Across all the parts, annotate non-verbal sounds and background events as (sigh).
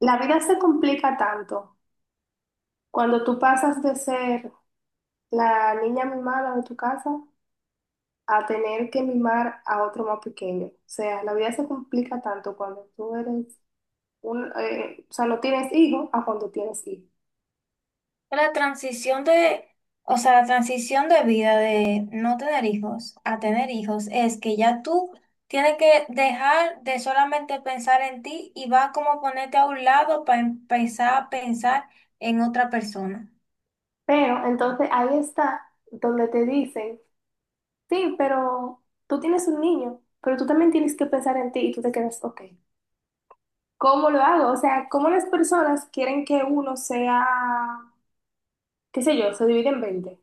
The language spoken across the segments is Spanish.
La vida se complica tanto cuando tú pasas de ser la niña mimada de tu casa a tener que mimar a otro más pequeño. O sea, la vida se complica tanto cuando tú eres un, o sea, no tienes hijo a cuando tienes hijo. La transición de, o sea, la transición de vida de no tener hijos a tener hijos es que ya tú tienes que dejar de solamente pensar en ti y va como ponerte a un lado para empezar a pensar en otra persona. Pero entonces ahí está donde te dicen, sí, pero tú tienes un niño, pero tú también tienes que pensar en ti y tú te quedas, ok, ¿cómo lo hago? O sea, ¿cómo las personas quieren que uno sea, qué sé yo, se divide en 20?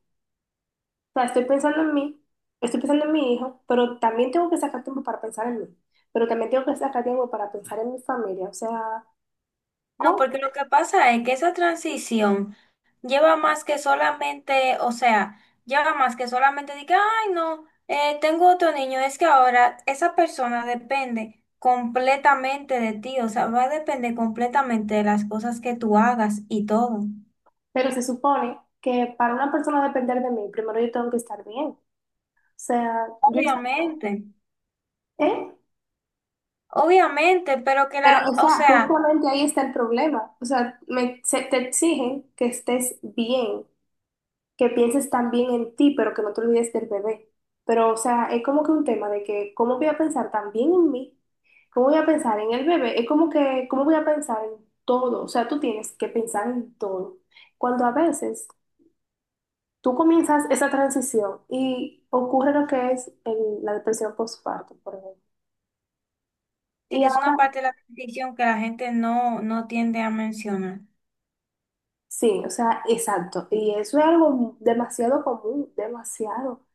O sea, estoy pensando en mí, estoy pensando en mi hijo, pero también tengo que sacar tiempo para pensar en mí, pero también tengo que sacar tiempo para pensar en mi familia, o sea, No, ¿cómo? porque lo que pasa es que esa transición lleva más que solamente, o sea, lleva más que solamente de ay, no, tengo otro niño, es que ahora esa persona depende completamente de ti, o sea, va a depender completamente de las cosas que tú hagas y todo. Pero se supone que para una persona depender de mí, primero yo tengo que estar bien, o sea, yo, Obviamente, ¿eh? obviamente, pero que Pero, la, o o sea, sea, justamente ahí está el problema, o sea, te exigen que estés bien, que pienses también en ti, pero que no te olvides del bebé. Pero, o sea, es como que un tema de que, ¿cómo voy a pensar también en mí? ¿Cómo voy a pensar en el bebé? Es como que, ¿cómo voy a pensar en todo? O sea, tú tienes que pensar en todo. Cuando a veces tú comienzas esa transición y ocurre lo que es la depresión postparto, por ejemplo. sí Y que es una ahora, parte de la transición que la gente no tiende a mencionar. sí, o sea, exacto. Y eso es algo demasiado común, demasiado.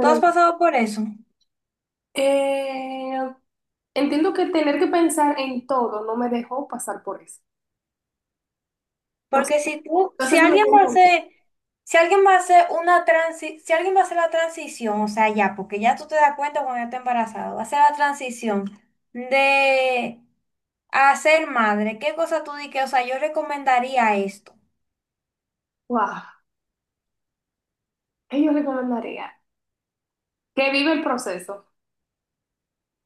¿Tú has pasado por eso? Eh, entiendo que tener que pensar en todo no me dejó pasar por eso. Entonces, Porque si tú, si entonces me alguien voy a va a entender. hacer, si alguien va a hacer una transi, si alguien va a hacer la transición, o sea, ya, porque ya tú te das cuenta cuando ya está embarazado, va a hacer la transición de a ser madre, ¿qué cosa tú dices? O sea, yo recomendaría esto. O Wow, ¿qué yo recomendaría? Que vive el proceso.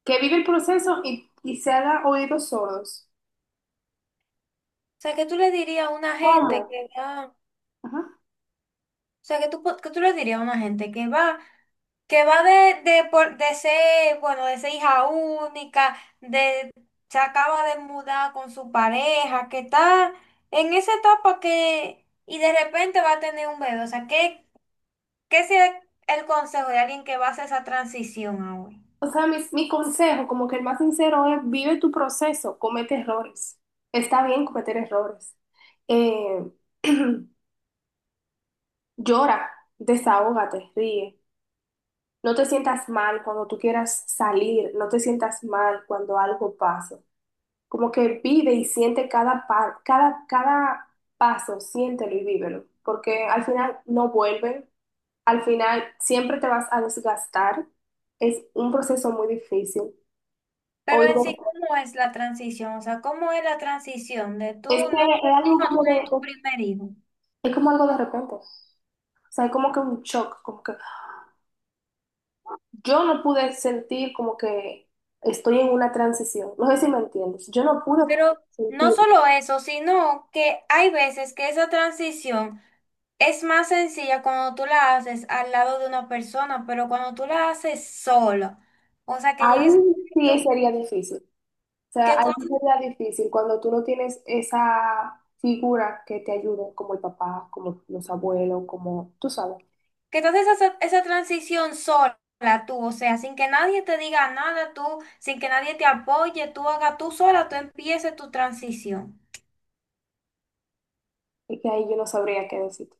Que vive el proceso y se haga oídos sordos. sea, que tú le dirías a una gente ¿Cómo? que, ah, Ajá. o sea, que tú, po- que tú le dirías a una gente que va de ser, bueno, de ser hija única, de, se acaba de mudar con su pareja, que está en esa etapa que, y de repente va a tener un bebé. O sea, ¿qué, qué sería el consejo de alguien que va a hacer esa transición ahora? O sea, mi consejo, como que el más sincero es, vive tu proceso, comete errores. Está bien cometer errores. Eh, (clears throat) llora, desahógate, ríe. No te sientas mal cuando tú quieras salir, no te sientas mal cuando algo pase. Como que vive y siente cada paso, siéntelo y vívelo, porque al final no vuelven, al final siempre te vas a desgastar, es un proceso muy difícil. Pero Oye, en sí, ¿cómo es la transición? O sea, ¿cómo es la transición de tú es no que ser es algo hijo a tú como de, tener tu primer hijo? es como algo de repente, o sea, es como que un shock, como que yo no pude sentir como que estoy en una transición, no sé si me entiendes, yo no pude Pero no sentirlo, solo eso, sino que hay veces que esa transición es más sencilla cuando tú la haces al lado de una persona, pero cuando tú la haces sola, o sea, que llegue ahí ese sí momento sería difícil. O que sea, ahí sí tú, sería difícil cuando tú no tienes esa figura que te ayude, como el papá, como los abuelos, como tú sabes. que tú haces esa, esa transición sola, tú, o sea, sin que nadie te diga nada, tú, sin que nadie te apoye, tú hagas tú sola, tú empieces tu transición. Y que ahí yo no sabría qué decirte.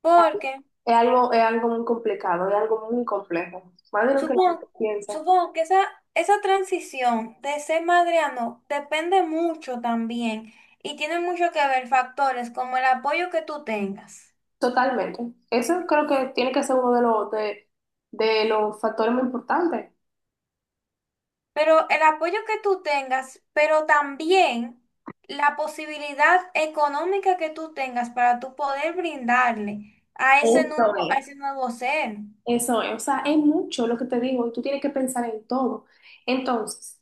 Porque Es algo muy complicado, es algo muy complejo, más de lo que la gente supongo, piensa. supongo que esa transición de ser madre a no depende mucho también y tiene mucho que ver factores como el apoyo que tú tengas. Totalmente. Eso creo que tiene que ser uno de los factores muy importantes. Pero el apoyo que tú tengas, pero también la posibilidad económica que tú tengas para tú poder brindarle Eso a es. ese nuevo ser. Eso es. O sea, es mucho lo que te digo y tú tienes que pensar en todo. Entonces.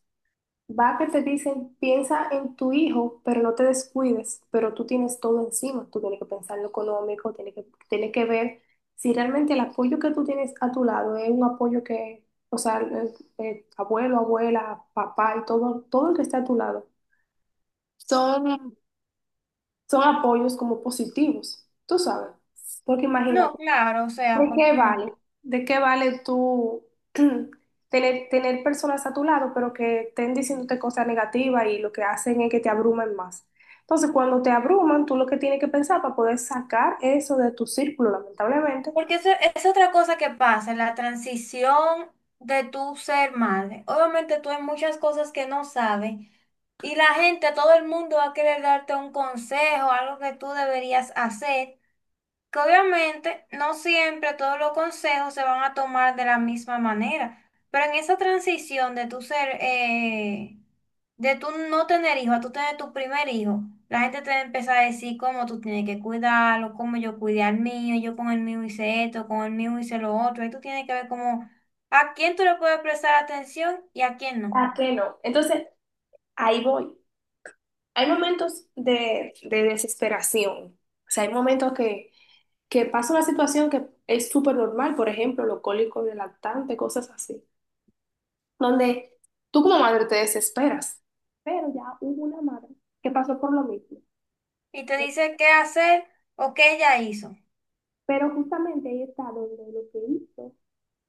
Va que te dicen, piensa en tu hijo, pero no te descuides, pero tú tienes todo encima, tú tienes que pensar en lo económico, tienes que ver si realmente el apoyo que tú tienes a tu lado es un apoyo que, o sea, abuelo, abuela, papá y todo, todo el que está a tu lado, son, son apoyos como positivos, tú sabes, porque imagínate. No, claro, o sea, ¿De qué porque vale? ¿De qué vale tú (clears throat) tener, tener personas a tu lado, pero que estén diciéndote cosas negativas y lo que hacen es que te abrumen más? Entonces, cuando te abruman, tú lo que tienes que pensar para poder sacar eso de tu círculo, lamentablemente. porque eso es otra cosa que pasa, la transición de tu ser madre. Obviamente tú hay muchas cosas que no sabes y la gente, todo el mundo va a querer darte un consejo, algo que tú deberías hacer, que obviamente no siempre todos los consejos se van a tomar de la misma manera, pero en esa transición de tu ser, de tú no tener hijo a tú tener tu primer hijo, la gente te va a empezar a decir cómo tú tienes que cuidarlo, cómo yo cuidé al mío, yo con el mío hice esto, con el mío hice lo otro, y tú tienes que ver cómo a quién tú le puedes prestar atención y a quién no. ¿Para qué no? Entonces, ahí voy. Hay momentos de desesperación. O sea, hay momentos que pasa una situación que es súper normal, por ejemplo, los cólicos de lactante, cosas así, donde tú como madre te desesperas. Pero ya hubo una madre que pasó por lo mismo. Y te dice qué hacer o qué ella hizo. Pero justamente ahí está donde lo que hizo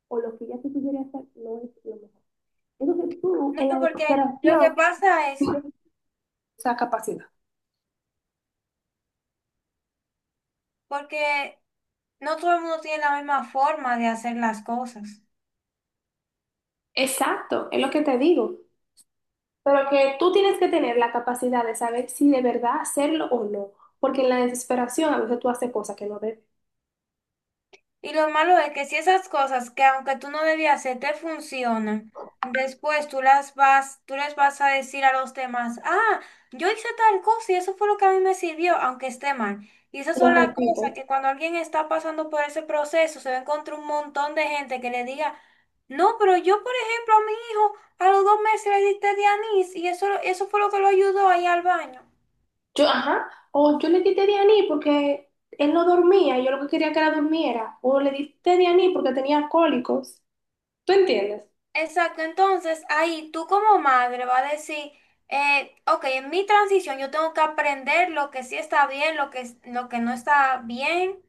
o lo que ella se pudiera hacer no es lo mejor. Entonces tú, No, en la porque lo que desesperación, pasa es pierdes esa capacidad. porque no todo el mundo tiene la misma forma de hacer las cosas. Exacto, es lo que te digo. Pero que tú tienes que tener la capacidad de saber si de verdad hacerlo o no. Porque en la desesperación a veces tú haces cosas que no debes. Y lo malo es que si esas cosas que aunque tú no debías hacer te funcionan, después tú las vas, tú les vas a decir a los demás, ah, yo hice tal cosa y eso fue lo que a mí me sirvió, aunque esté mal. Y esas Lo son las cosas repito. que cuando alguien está pasando por ese proceso, se va a encontrar un montón de gente que le diga, no, pero yo, por ejemplo, a mi hijo a los 2 meses le diste de anís y eso fue lo que lo ayudó a ir al baño. Yo, ajá, o yo le di Dianí porque él no dormía, yo lo que quería que era durmiera, o le di Dianí porque tenía cólicos, ¿tú entiendes? Exacto, entonces ahí tú como madre vas a decir, ok, en mi transición yo tengo que aprender lo que sí está bien, lo que, es- lo que no está bien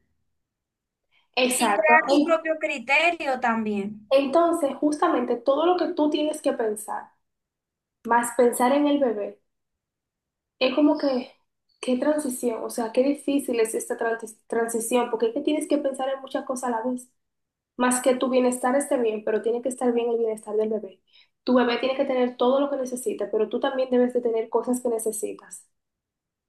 y Exacto. crear tu propio criterio también. Entonces, justamente todo lo que tú tienes que pensar, más pensar en el bebé, es como que, qué transición, o sea, qué difícil es esta transición, porque es que tienes que pensar en muchas cosas a la vez, más que tu bienestar esté bien, pero tiene que estar bien el bienestar del bebé. Tu bebé tiene que tener todo lo que necesita, pero tú también debes de tener cosas que necesitas.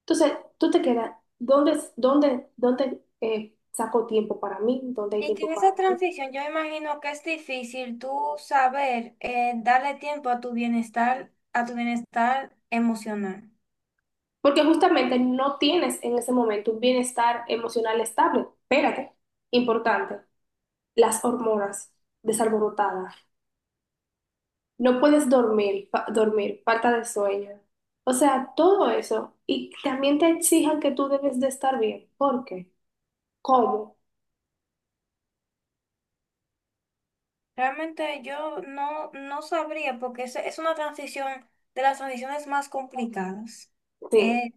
Entonces, tú te quedas, ¿dónde saco tiempo para mí? ¿Dónde hay Y que tiempo en para esa mí? transición yo imagino que es difícil tú saber darle tiempo a tu bienestar emocional. Porque justamente no tienes en ese momento un bienestar emocional estable. Espérate, importante, las hormonas desalborotadas. No puedes dormir, falta de sueño. O sea, todo eso. Y también te exijan que tú debes de estar bien. ¿Por qué? ¿Cómo? Realmente yo no sabría porque es una transición de las transiciones más complicadas. Sí. Eh,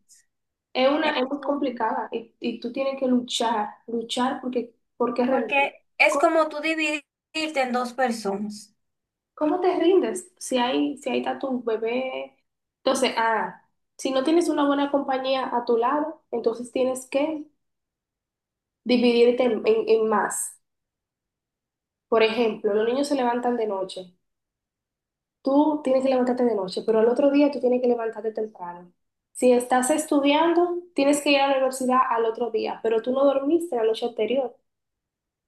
Es es una, es muy complicada y tú tienes que luchar, luchar porque, porque rendir. porque es como tú dividirte en dos personas. ¿Cómo te rindes si hay, si ahí está tu bebé? Entonces, ah, si no tienes una buena compañía a tu lado, entonces tienes que dividirte en más. Por ejemplo, los niños se levantan de noche. Tú tienes que levantarte de noche, pero al otro día tú tienes que levantarte temprano. Si estás estudiando, tienes que ir a la universidad al otro día, pero tú no dormiste la noche anterior,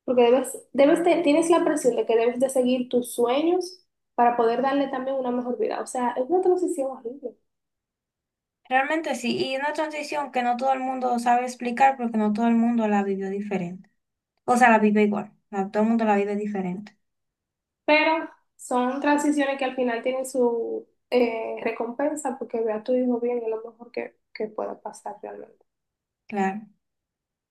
porque tienes la presión de que debes de seguir tus sueños para poder darle también una mejor vida. O sea, es una transición horrible. Realmente sí, y una transición que no todo el mundo sabe explicar porque no todo el mundo la vivió diferente. O sea, la vive igual, no, todo el mundo la vive diferente, Pero son transiciones que al final tienen su recompensa porque ve a tu hijo bien y es lo mejor que pueda pasar realmente. claro.